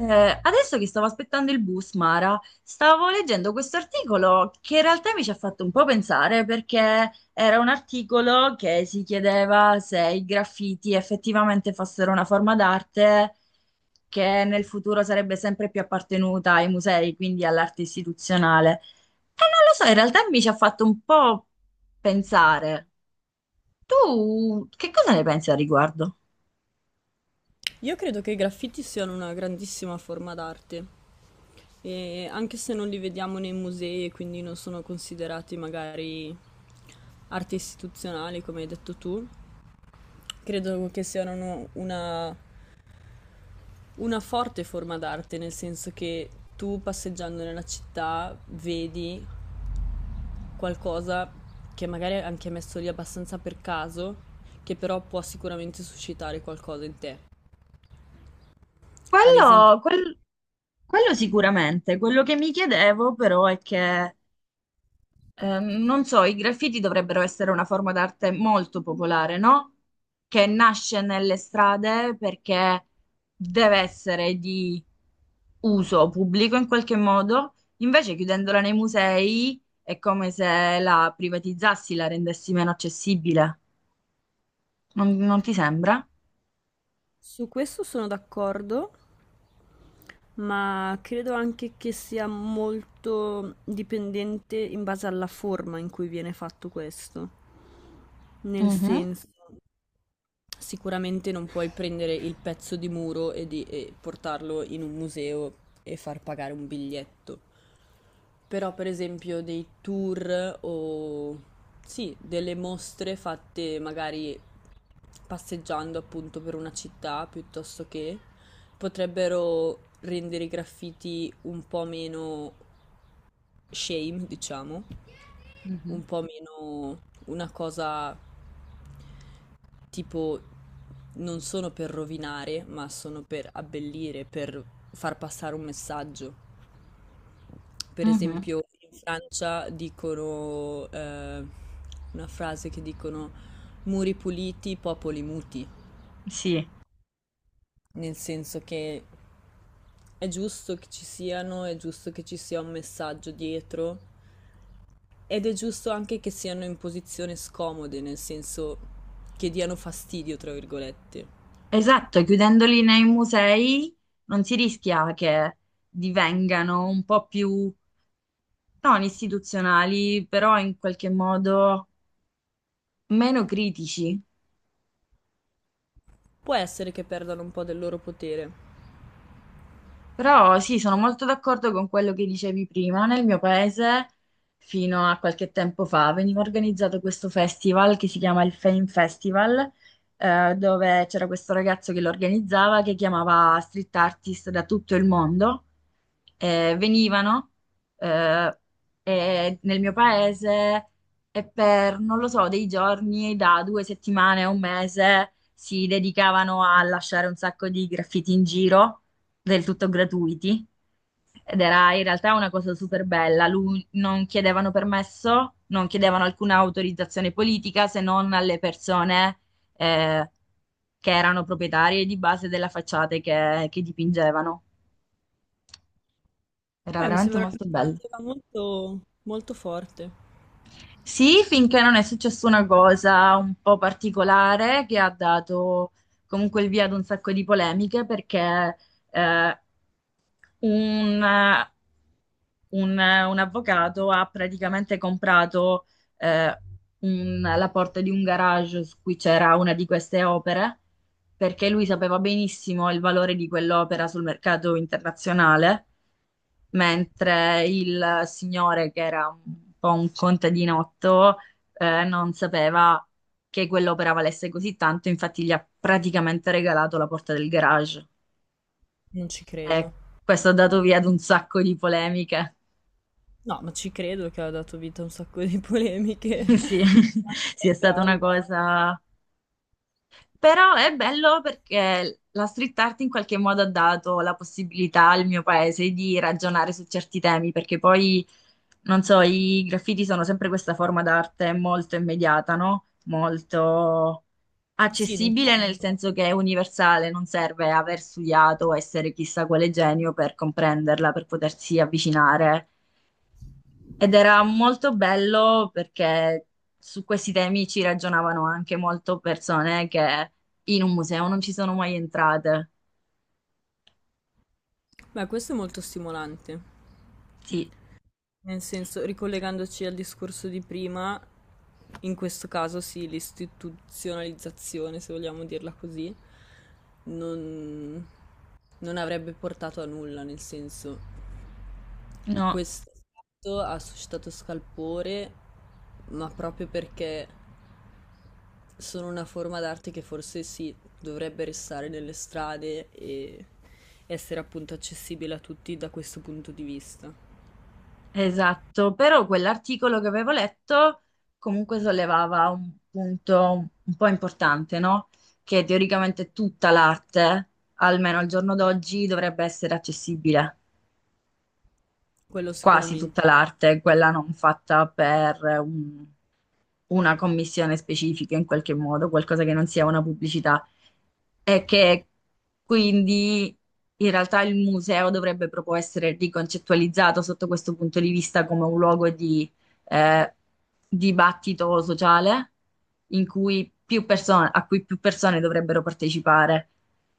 Adesso che stavo aspettando il bus, Mara, stavo leggendo questo articolo che in realtà mi ci ha fatto un po' pensare, perché era un articolo che si chiedeva se i graffiti effettivamente fossero una forma d'arte che nel futuro sarebbe sempre più appartenuta ai musei, quindi all'arte istituzionale. E non lo so, in realtà mi ci ha fatto un po' pensare. Tu che cosa ne pensi al riguardo? Io credo che i graffiti siano una grandissima forma d'arte, e anche se non li vediamo nei musei e quindi non sono considerati magari arte istituzionale, come hai detto tu, credo che siano una forte forma d'arte, nel senso che tu passeggiando nella città vedi qualcosa che magari è anche messo lì abbastanza per caso, che però può sicuramente suscitare qualcosa in te. Ad esempio, Quello, quel- Quello sicuramente, quello che mi chiedevo però è che, non so, i graffiti dovrebbero essere una forma d'arte molto popolare, no? Che nasce nelle strade perché deve essere di uso pubblico in qualche modo, invece chiudendola nei musei è come se la privatizzassi, la rendessi meno accessibile. Non ti sembra? su questo sono d'accordo. Ma credo anche che sia molto dipendente in base alla forma in cui viene fatto questo. Nel Mhm, senso, sicuramente non puoi prendere il pezzo di muro e portarlo in un museo e far pagare un biglietto. Però per esempio dei tour o sì, delle mostre fatte magari passeggiando appunto per una città piuttosto che potrebbero rendere i graffiti un po' meno shame, diciamo, mhm, un po' meno una cosa tipo non sono per rovinare, ma sono per abbellire, per far passare un messaggio. Per mhm. esempio, in Francia dicono una frase che dicono muri puliti, popoli muti, Sì. nel senso che è giusto che ci siano, è giusto che ci sia un messaggio dietro ed è giusto anche che siano in posizione scomode, nel senso che diano fastidio, tra virgolette. Esatto, chiudendoli nei musei non si rischia che divengano un po' più non istituzionali, però in qualche modo meno critici? Può essere che perdano un po' del loro potere. Però sì, sono molto d'accordo con quello che dicevi prima. Nel mio paese, fino a qualche tempo fa, veniva organizzato questo festival che si chiama il Fame Festival, dove c'era questo ragazzo che lo organizzava, che chiamava street artist da tutto il mondo. Venivano eh, e Nel mio paese e per, non lo so, dei giorni, da 2 settimane a 1 mese, si dedicavano a lasciare un sacco di graffiti in giro, del tutto gratuiti, ed era in realtà una cosa super bella. Lui non chiedevano permesso, non chiedevano alcuna autorizzazione politica se non alle persone eh, che erano proprietarie di base della facciata che dipingevano. Era Beh, mi veramente sembra molto bello. un'iniziativa molto, molto forte. Sì, finché non è successa una cosa un po' particolare che ha dato comunque il via ad un sacco di polemiche, perché eh, un, eh, un avvocato ha praticamente comprato eh, la porta di un garage su cui c'era una di queste opere, perché lui sapeva benissimo il valore di quell'opera sul mercato internazionale, mentre il signore, che era un po' un contadinotto, non sapeva che quell'opera valesse così tanto, infatti gli ha praticamente regalato la porta del garage. Non ci Eh, credo. Questo ha dato via ad un sacco di polemiche. No, ma ci credo che ha dato vita a un sacco di polemiche. Sì, Ma sì, è anche stata una reali. cosa. Però è bello perché la street art in qualche modo ha dato la possibilità al mio paese di ragionare su certi temi, perché poi, non so, i graffiti sono sempre questa forma d'arte molto immediata, no? Molto Sì, accessibile, nel d'impatto. senso che è universale, non serve aver studiato o essere chissà quale genio per comprenderla, per potersi avvicinare. Ed era molto bello perché su questi temi ci ragionavano anche molto persone che in un museo non ci sono mai entrate. Beh, questo è molto stimolante. Sì, Nel senso, ricollegandoci al discorso di prima, in questo caso sì, l'istituzionalizzazione, se vogliamo dirla così, non, non avrebbe portato a nulla, nel senso, no, questo fatto ha suscitato scalpore, ma proprio perché sono una forma d'arte che forse sì, dovrebbe restare nelle strade e essere appunto accessibile a tutti da questo punto di vista. esatto. Però quell'articolo che avevo letto comunque sollevava un punto un po' importante, no? Che teoricamente tutta l'arte, almeno al giorno d'oggi, dovrebbe essere accessibile. Quello Quasi tutta sicuramente, l'arte, quella non fatta per una commissione specifica in qualche modo, qualcosa che non sia una pubblicità, e che quindi in realtà il museo dovrebbe proprio essere riconcettualizzato sotto questo punto di vista come un luogo di eh, dibattito sociale in cui più persone, a cui più persone dovrebbero partecipare.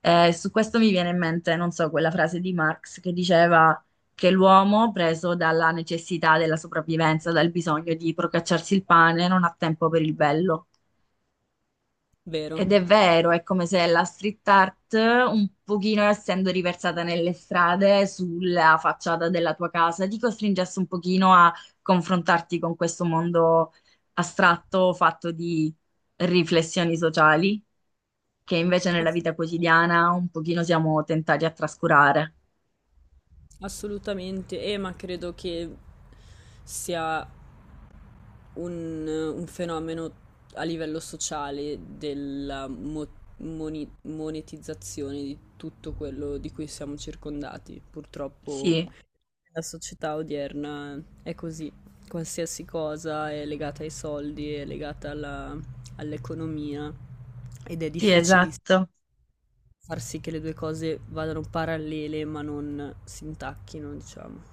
Su questo mi viene in mente, non so, quella frase di Marx che diceva che l'uomo, preso dalla necessità della sopravvivenza, dal bisogno di procacciarsi il pane, non ha tempo per il bello. vero. Ed è vero, è come se la street art, un pochino essendo riversata nelle strade, sulla facciata della tua casa, ti costringesse un pochino a confrontarti con questo mondo astratto, fatto di riflessioni sociali, che invece nella Ass- vita quotidiana un pochino siamo tentati a trascurare. Assolutamente, ma credo che sia un fenomeno a livello sociale della monetizzazione di tutto quello di cui siamo circondati. Purtroppo Sì, la società odierna è così, qualsiasi cosa è legata ai soldi, è legata all'economia ed è sì, difficilissimo esatto. far sì che le due cose vadano parallele ma non si intacchino, diciamo.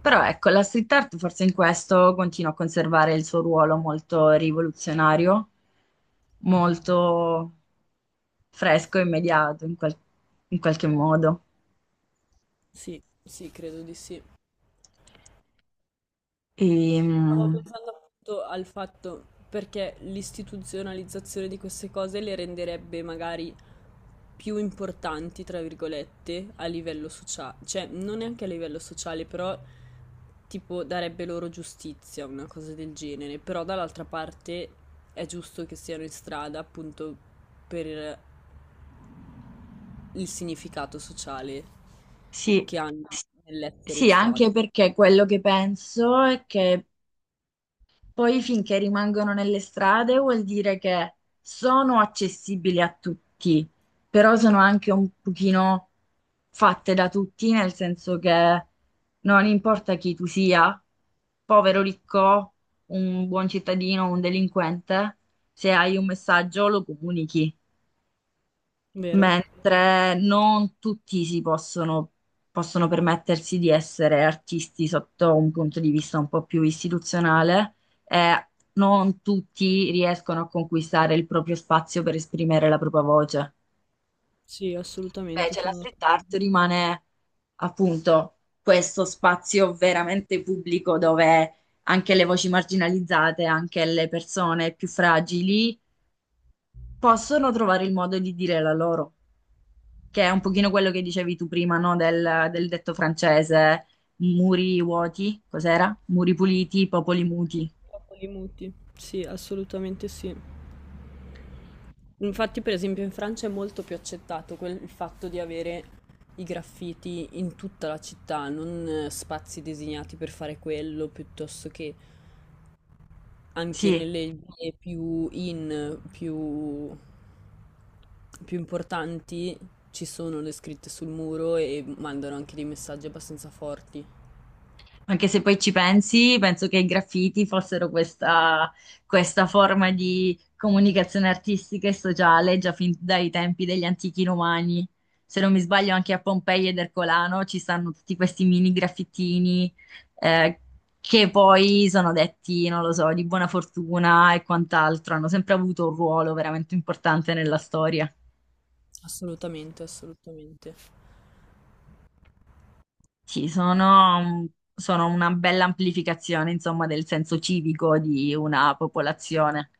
Però ecco, la street art forse in questo continua a conservare il suo ruolo molto rivoluzionario, molto fresco e immediato in, in qualche modo. Sì, credo di sì. E, Stavo mm, pensando appunto al fatto perché l'istituzionalizzazione di queste cose le renderebbe magari più importanti, tra virgolette, a livello sociale, cioè non neanche a livello sociale, però tipo darebbe loro giustizia, una cosa del genere, però dall'altra parte è giusto che siano in strada appunto per il significato sociale sì, che hanno S- nell'essere in sì, strada. anche perché quello che penso è che poi, finché rimangono nelle strade, vuol dire che sono accessibili a tutti, però sono anche un pochino fatte da tutti, nel senso che non importa chi tu sia, povero, ricco, un buon cittadino, un delinquente, se hai un messaggio lo comunichi, Vero? mentre non tutti si possono, possono permettersi di essere artisti sotto un punto di vista un po' più istituzionale, e non tutti riescono a conquistare il proprio spazio per esprimere la propria voce. Sì, assolutamente Invece la sono street d'accordo. art rimane appunto questo spazio veramente pubblico dove anche le voci marginalizzate, anche le persone più fragili possono trovare il modo di dire la loro, che è un pochino quello che dicevi tu prima, no? Del detto francese, muri vuoti, cos'era? Muri puliti, popoli muti. Dopo li muti. Sì, assolutamente sì. Infatti, per esempio, in Francia è molto più accettato il fatto di avere i graffiti in tutta la città, non spazi designati per fare quello, piuttosto che anche Sì. nelle vie più importanti ci sono le scritte sul muro e mandano anche dei messaggi abbastanza forti. Anche se poi ci pensi, penso che i graffiti fossero questa, questa forma di comunicazione artistica e sociale già fin dai tempi degli antichi romani. Se non mi sbaglio, anche a Pompei ed Ercolano ci stanno tutti questi mini graffittini eh, che poi sono detti, non lo so, di buona fortuna e quant'altro. Hanno sempre avuto un ruolo veramente importante nella storia. Assolutamente, assolutamente. Sì, sono, sono una bella amplificazione, insomma, del senso civico di una popolazione.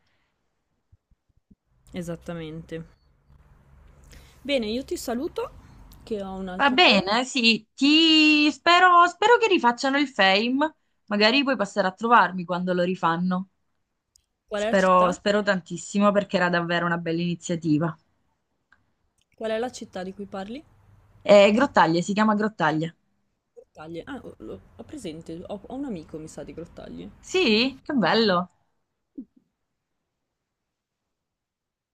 Esattamente. Bene, io ti saluto, che ho Va un'altra call. bene, sì, ti spero, spero che rifacciano il Fame, magari puoi passare a trovarmi quando lo rifanno. Qual è la Spero, città? spero tantissimo perché era davvero una bella iniziativa. Qual è la città di cui parli? Grottaglie, si chiama Grottaglie. Grottaglie. Ah, ho presente, ho un amico, mi sa, di Grottaglie. Sì, che bello.